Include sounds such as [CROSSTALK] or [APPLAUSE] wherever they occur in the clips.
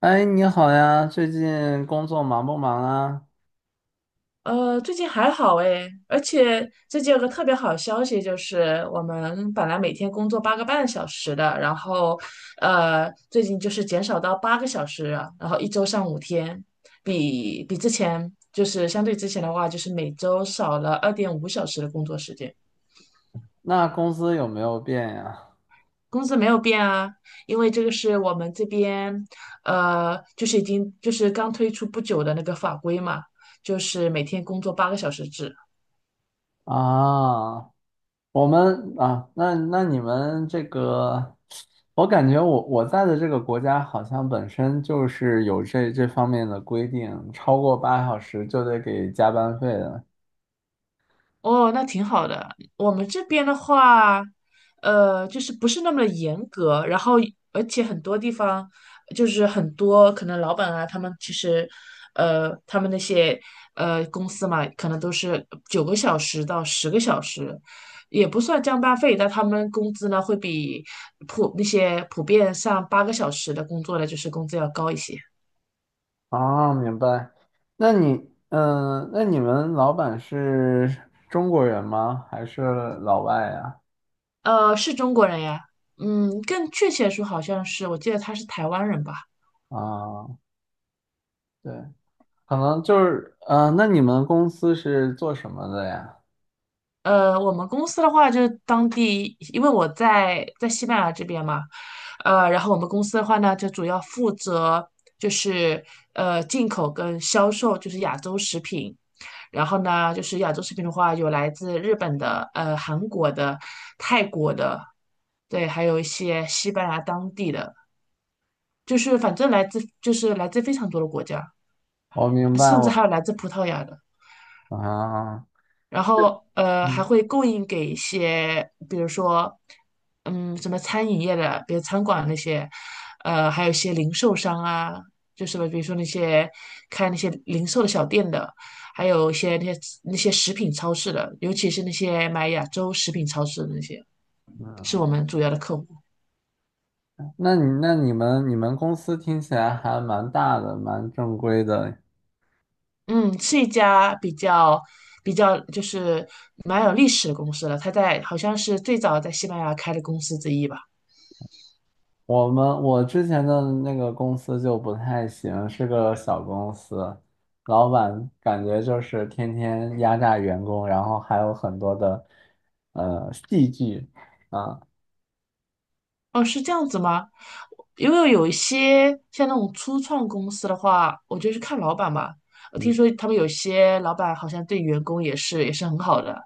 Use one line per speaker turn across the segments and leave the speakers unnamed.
哎，你好呀，最近工作忙不忙啊？
最近还好诶，而且最近有个特别好消息，就是我们本来每天工作八个半小时的，最近就是减少到八个小时了然后一周上五天，之前就是相对之前的话，就是每周少了2.5小时的工作时间，
那工资有没有变呀？
工资没有变啊，因为这个是我们这边，就是已经就是刚推出不久的那个法规嘛，就是每天工作八个小时制。
啊，我们啊，那你们这个，我感觉我在的这个国家好像本身就是有这方面的规定，超过8小时就得给加班费的。
哦，那挺好的。我们这边的话，就是不是那么的严格，然后而且很多地方就是很多可能老板啊，他们其实，他们那些公司嘛，可能都是九个小时到十个小时，也不算加班费，但他们工资呢会比那些普遍上八个小时的工作的就是工资要高一些。
啊，明白。那你们老板是中国人吗？还是老外呀？
呃，是中国人呀，嗯，更确切说好像是，我记得他是台湾人吧。
啊，对。可能就是，那你们公司是做什么的呀？
呃，我们公司的话就是当地，因为我在西班牙这边嘛，呃，然后我们公司的话呢，就主要负责就是进口跟销售，就是亚洲食品。然后呢，就是亚洲食品的话，有来自日本的、韩国的、泰国的，对，还有一些西班牙当地的，反正就是来自非常多的国家，
我明白，
甚至
我
还有来自葡萄牙的。
啊，
然后还
嗯
会供应给一些，比如说，嗯，什么餐饮业的，比如餐馆那些，还有一些零售商啊，就是比如说那些开那些零售的小店的，还有一些那些食品超市的，尤其是那些买亚洲食品超市的那些，
嗯，
是我们主要的客户。
那你们公司听起来还蛮大的，蛮正规的。
嗯，是一家比较比较就是蛮有历史的公司了，它在好像是最早在西班牙开的公司之一吧。
我之前的那个公司就不太行，是个小公司，老板感觉就是天天压榨员工，然后还有很多的戏剧啊，
哦，是这样子吗？因为有一些像那种初创公司的话，我觉得是看老板吧。我听
嗯，
说他们有些老板好像对员工也是很好的，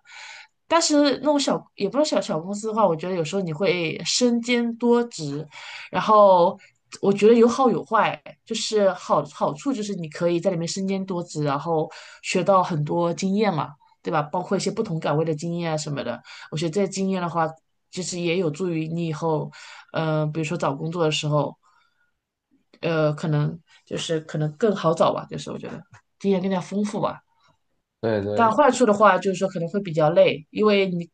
但是那种小也不是小小公司的话，我觉得有时候你会身兼多职，然后我觉得有好有坏，就是好处就是你可以在里面身兼多职，然后学到很多经验嘛，对吧？包括一些不同岗位的经验啊什么的。我觉得这些经验的话，其实也有助于你以后，比如说找工作的时候，呃，可能可能更好找吧，就是我觉得经验更加丰富吧。
对对。
但坏处的话，就是说可能会比较累，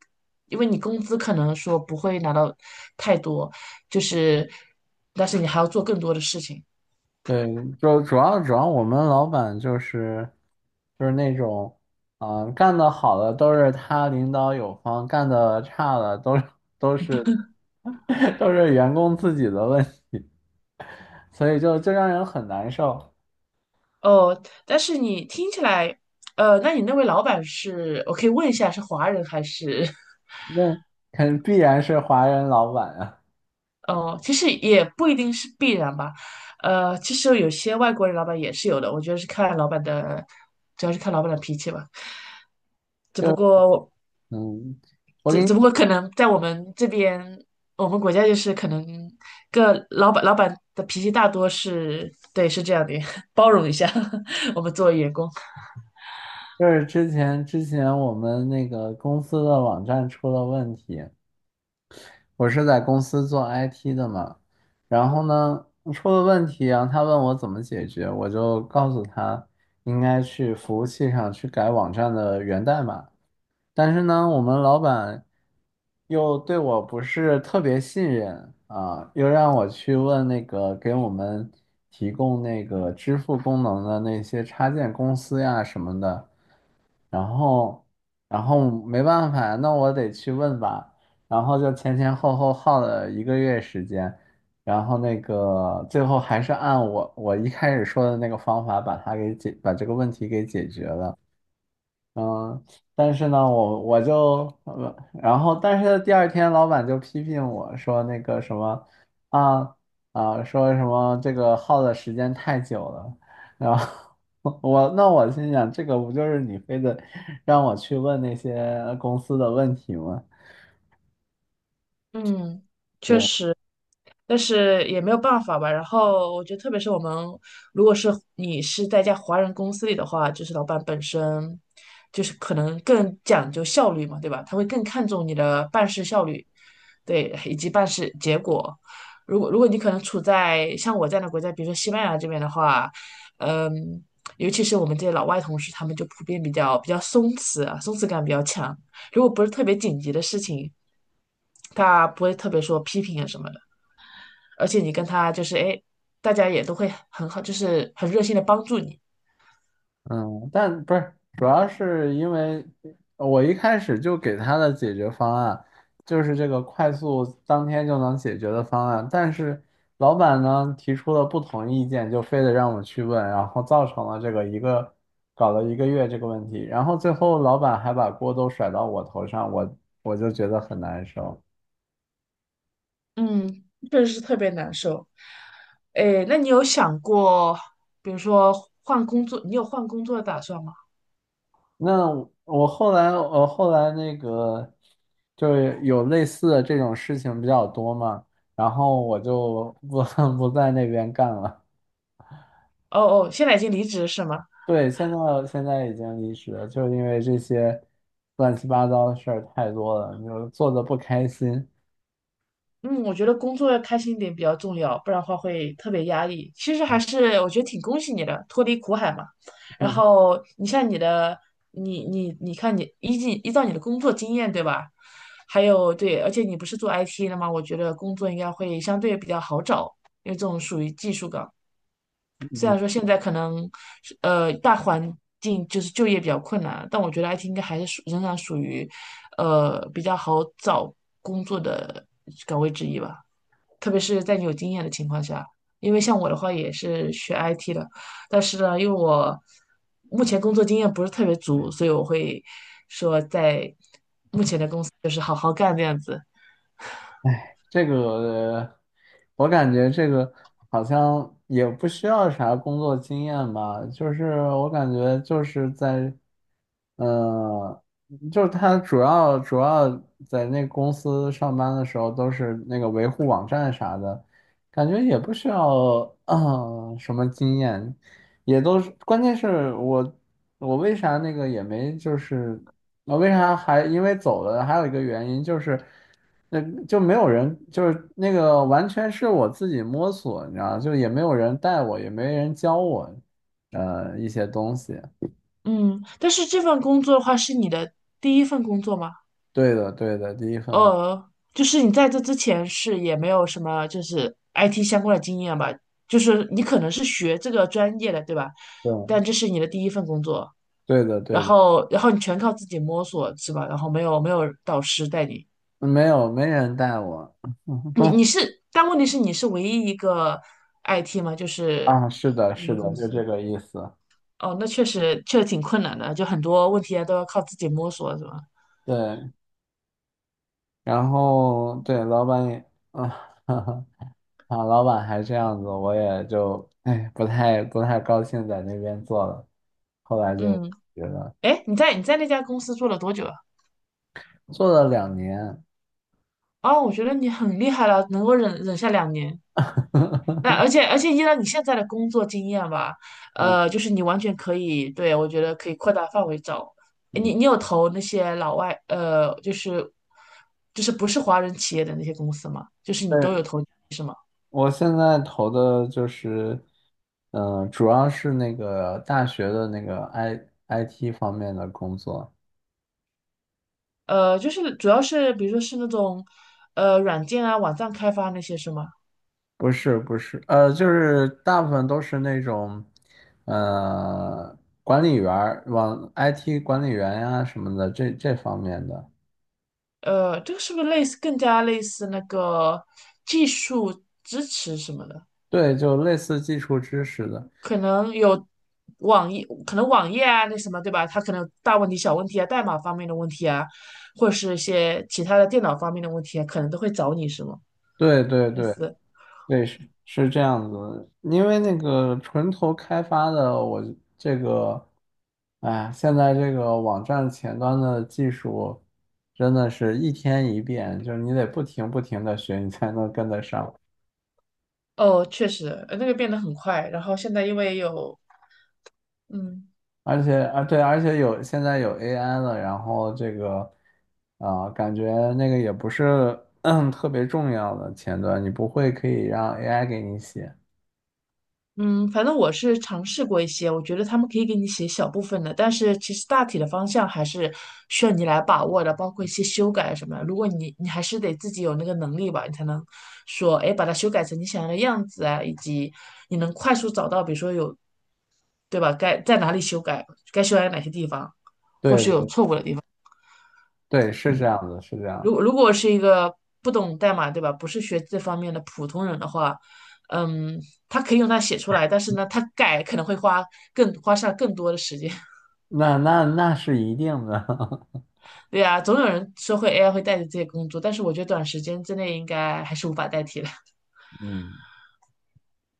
因为你工资可能说不会拿到太多，就是但是你还要做更多的事情。
对，就主要我们老板就是那种，啊、干得好的都是他领导有方，干得差的都是 [LAUGHS] 都是员工自己的问题，所以就让人很难受。
哦，但是你听起来，呃，那你那位老板是，我可以问一下是华人还是？[LAUGHS]
那肯必然是华人老板啊，
哦，其实也不一定是必然吧，呃，其实有些外国人老板也是有的，我觉得是看老板的，主要是看老板的脾气吧。只不
就
过我，
嗯，我给
只
你，
只不过可能在我们这边，我们国家就是可能老板的脾气大多是，对，是这样的，[LAUGHS] 包容一下 [LAUGHS] 我们作为员工。
就是之前我们那个公司的网站出了问题，我是在公司做 IT 的嘛，然后呢，出了问题啊，然后他问我怎么解决，我就告诉他应该去服务器上去改网站的源代码。但是呢，我们老板又对我不是特别信任啊，又让我去问那个给我们提供那个支付功能的那些插件公司呀什么的。然后，然后，没办法，那我得去问吧。然后就前前后后耗了一个月时间，然后那个最后还是按我一开始说的那个方法把这个问题给解决了。嗯，但是呢，我就，然后，但是第二天老板就批评我说那个什么，啊啊，说什么这个耗的时间太久了，然后 [LAUGHS] 那我心想，这个不就是你非得让我去问那些公司的问题吗？
嗯，确
对。
实。但是也没有办法吧。然后我觉得，特别是我们如果是你是在一家华人公司里的话，就是老板本身就是可能更讲究效率嘛，对吧？他会更看重你的办事效率，对，以及办事结果。如果你可能处在像我这样的国家，比如说西班牙这边的话，嗯，尤其是我们这些老外同事，他们就普遍比较松弛啊，松弛感比较强。如果不是特别紧急的事情，他不会特别说批评啊什么，的。而且你跟他就是哎，大家也都会很好，就是很热心的帮助你。
嗯，但不是，主要是因为我一开始就给他的解决方案就是这个快速当天就能解决的方案，但是老板呢提出了不同意见，就非得让我去问，然后造成了这个一个搞了一个月这个问题，然后最后老板还把锅都甩到我头上，我就觉得很难受。
嗯，确实是特别难受。哎，那你有想过，比如说换工作，你有换工作的打算吗？
那我后来，那个，就是有类似的这种事情比较多嘛，然后我就不 [LAUGHS] 不在那边干了。
哦哦，现在已经离职是吗？
对，现在已经离职了，就是因为这些乱七八糟的事儿太多了，就是做的不开心。
嗯，我觉得工作要开心一点比较重要，不然的话会特别压抑。其实还是我觉得挺恭喜你的，脱离苦海嘛。然
[LAUGHS]
后你像你的，你看你依照你的工作经验对吧？还有对，而且你不是做 IT 的吗？我觉得工作应该会相对比较好找，因为这种属于技术岗。虽
嗯
然说现在可能是大环境就是就业比较困难，但我觉得 IT 应该还是仍然属于比较好找工作的岗位之一吧。特别是在你有经验的情况下，因为像我的话也是学 IT 的，但是呢，因为我目前工作经验不是特别足，所以我会说在就是好好干这样子。
这个，我感觉这个好像也不需要啥工作经验吧，就是我感觉就是在，呃，就是他主要在那公司上班的时候都是那个维护网站啥的，感觉也不需要 [COUGHS]，什么经验。也都是，关键是我为啥那个也没就是我为啥还因为走了，还有一个原因就是，那就没有人就是那个完全是我自己摸索，你知道，就也没有人带我，也没人教我，一些东西。
嗯，但是这份工作的话是你的第一份工作吗？
对的，对的，第一份，
呃，就是你在这之前是也没有什么就是 IT 相关的经验吧？就是你可能是学这个专业的，对吧？
对，
但这是你的第一份工作，
对的，对
然
的，
后然后你全靠自己摸索，是吧？然后没有导师带你，
没有没人带我，[LAUGHS]
你
公
你是，但问题是你是唯一一个 IT 吗？就是
啊，是的，
你
是
们
的，
公
就这
司
个意思。
哦，那确实挺困难的，就很多问题啊都要靠自己摸索，是吧？
对，然后对老板也啊。[LAUGHS] 啊，老板还这样子，我也就哎不太高兴在那边做了，后来就
嗯，
觉得
哎，你在那家公司做了多久啊？
做了2年，
哦，我觉得你很厉害了，能够忍下2年。那而
[LAUGHS]
且而且依照你现在的工作经验吧，
嗯
就是你完全可以，对，我觉得可以扩大范围找。
嗯，
你你有投那些老外，呃，就是不是华人企业的那些公司吗？就是你都
对，
有投，是吗？
我现在投的就是，主要是那个大学的那个 IT 方面的工作，
呃，就是主要是比如说是那种软件啊、网站开发那些是吗？
不是不是，就是大部分都是那种，呃，管理员儿，往 IT 管理员呀、什么的这方面的。
呃，这个是不是类似更加类似那个技术支持什么的？
对，就类似基础知识的，
可能有网页，可能网页啊，那什么，对吧？它可能有大问题、小问题啊，代码方面的问题啊，或者是一些其他的电脑方面的问题啊，可能都会找你，是吗？
对对对对，是这样子的因为那个纯头开发的，我这个，哎，现在这个网站前端的技术真的是一天一变，就是你得不停的学，你才能跟得上。
哦，确实，呃那个变得很快。然后现在因为有，嗯，
而且啊，对，而且有现在有 AI 了，然后这个啊、感觉那个也不是 [CLEARS THROAT]，特别重要的前端，你不会可以让 AI 给你写。
嗯，反正我是尝试过一些，我觉得他们可以给你写小部分的，但是其实大体的方向还是需要你来把握的，包括一些修改什么的如果你还是得自己有那个能力吧，你才能说，哎，把它修改成你想要的样子啊，以及你能快速找到，比如说有，对吧？该在哪里修改，该修改哪些地方。
对对，是这样子，是这
如
样，
果如果是一个不懂代码，对吧？不是学这方面的普通人的话，嗯，他可以用它写出来，但是呢，他改可能会花花上更多的时间。
那是一定的。[LAUGHS]
对呀，总有人说会 AI 会代替这些工作，但是我觉得短时间之内应该还是无法代替的。[LAUGHS]
嗯，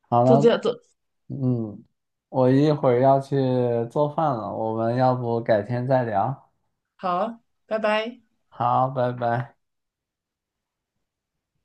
好
就这
了，
样做，
嗯，我一会儿要去做饭了，我们要不改天再聊？
好，拜拜。
好，拜拜。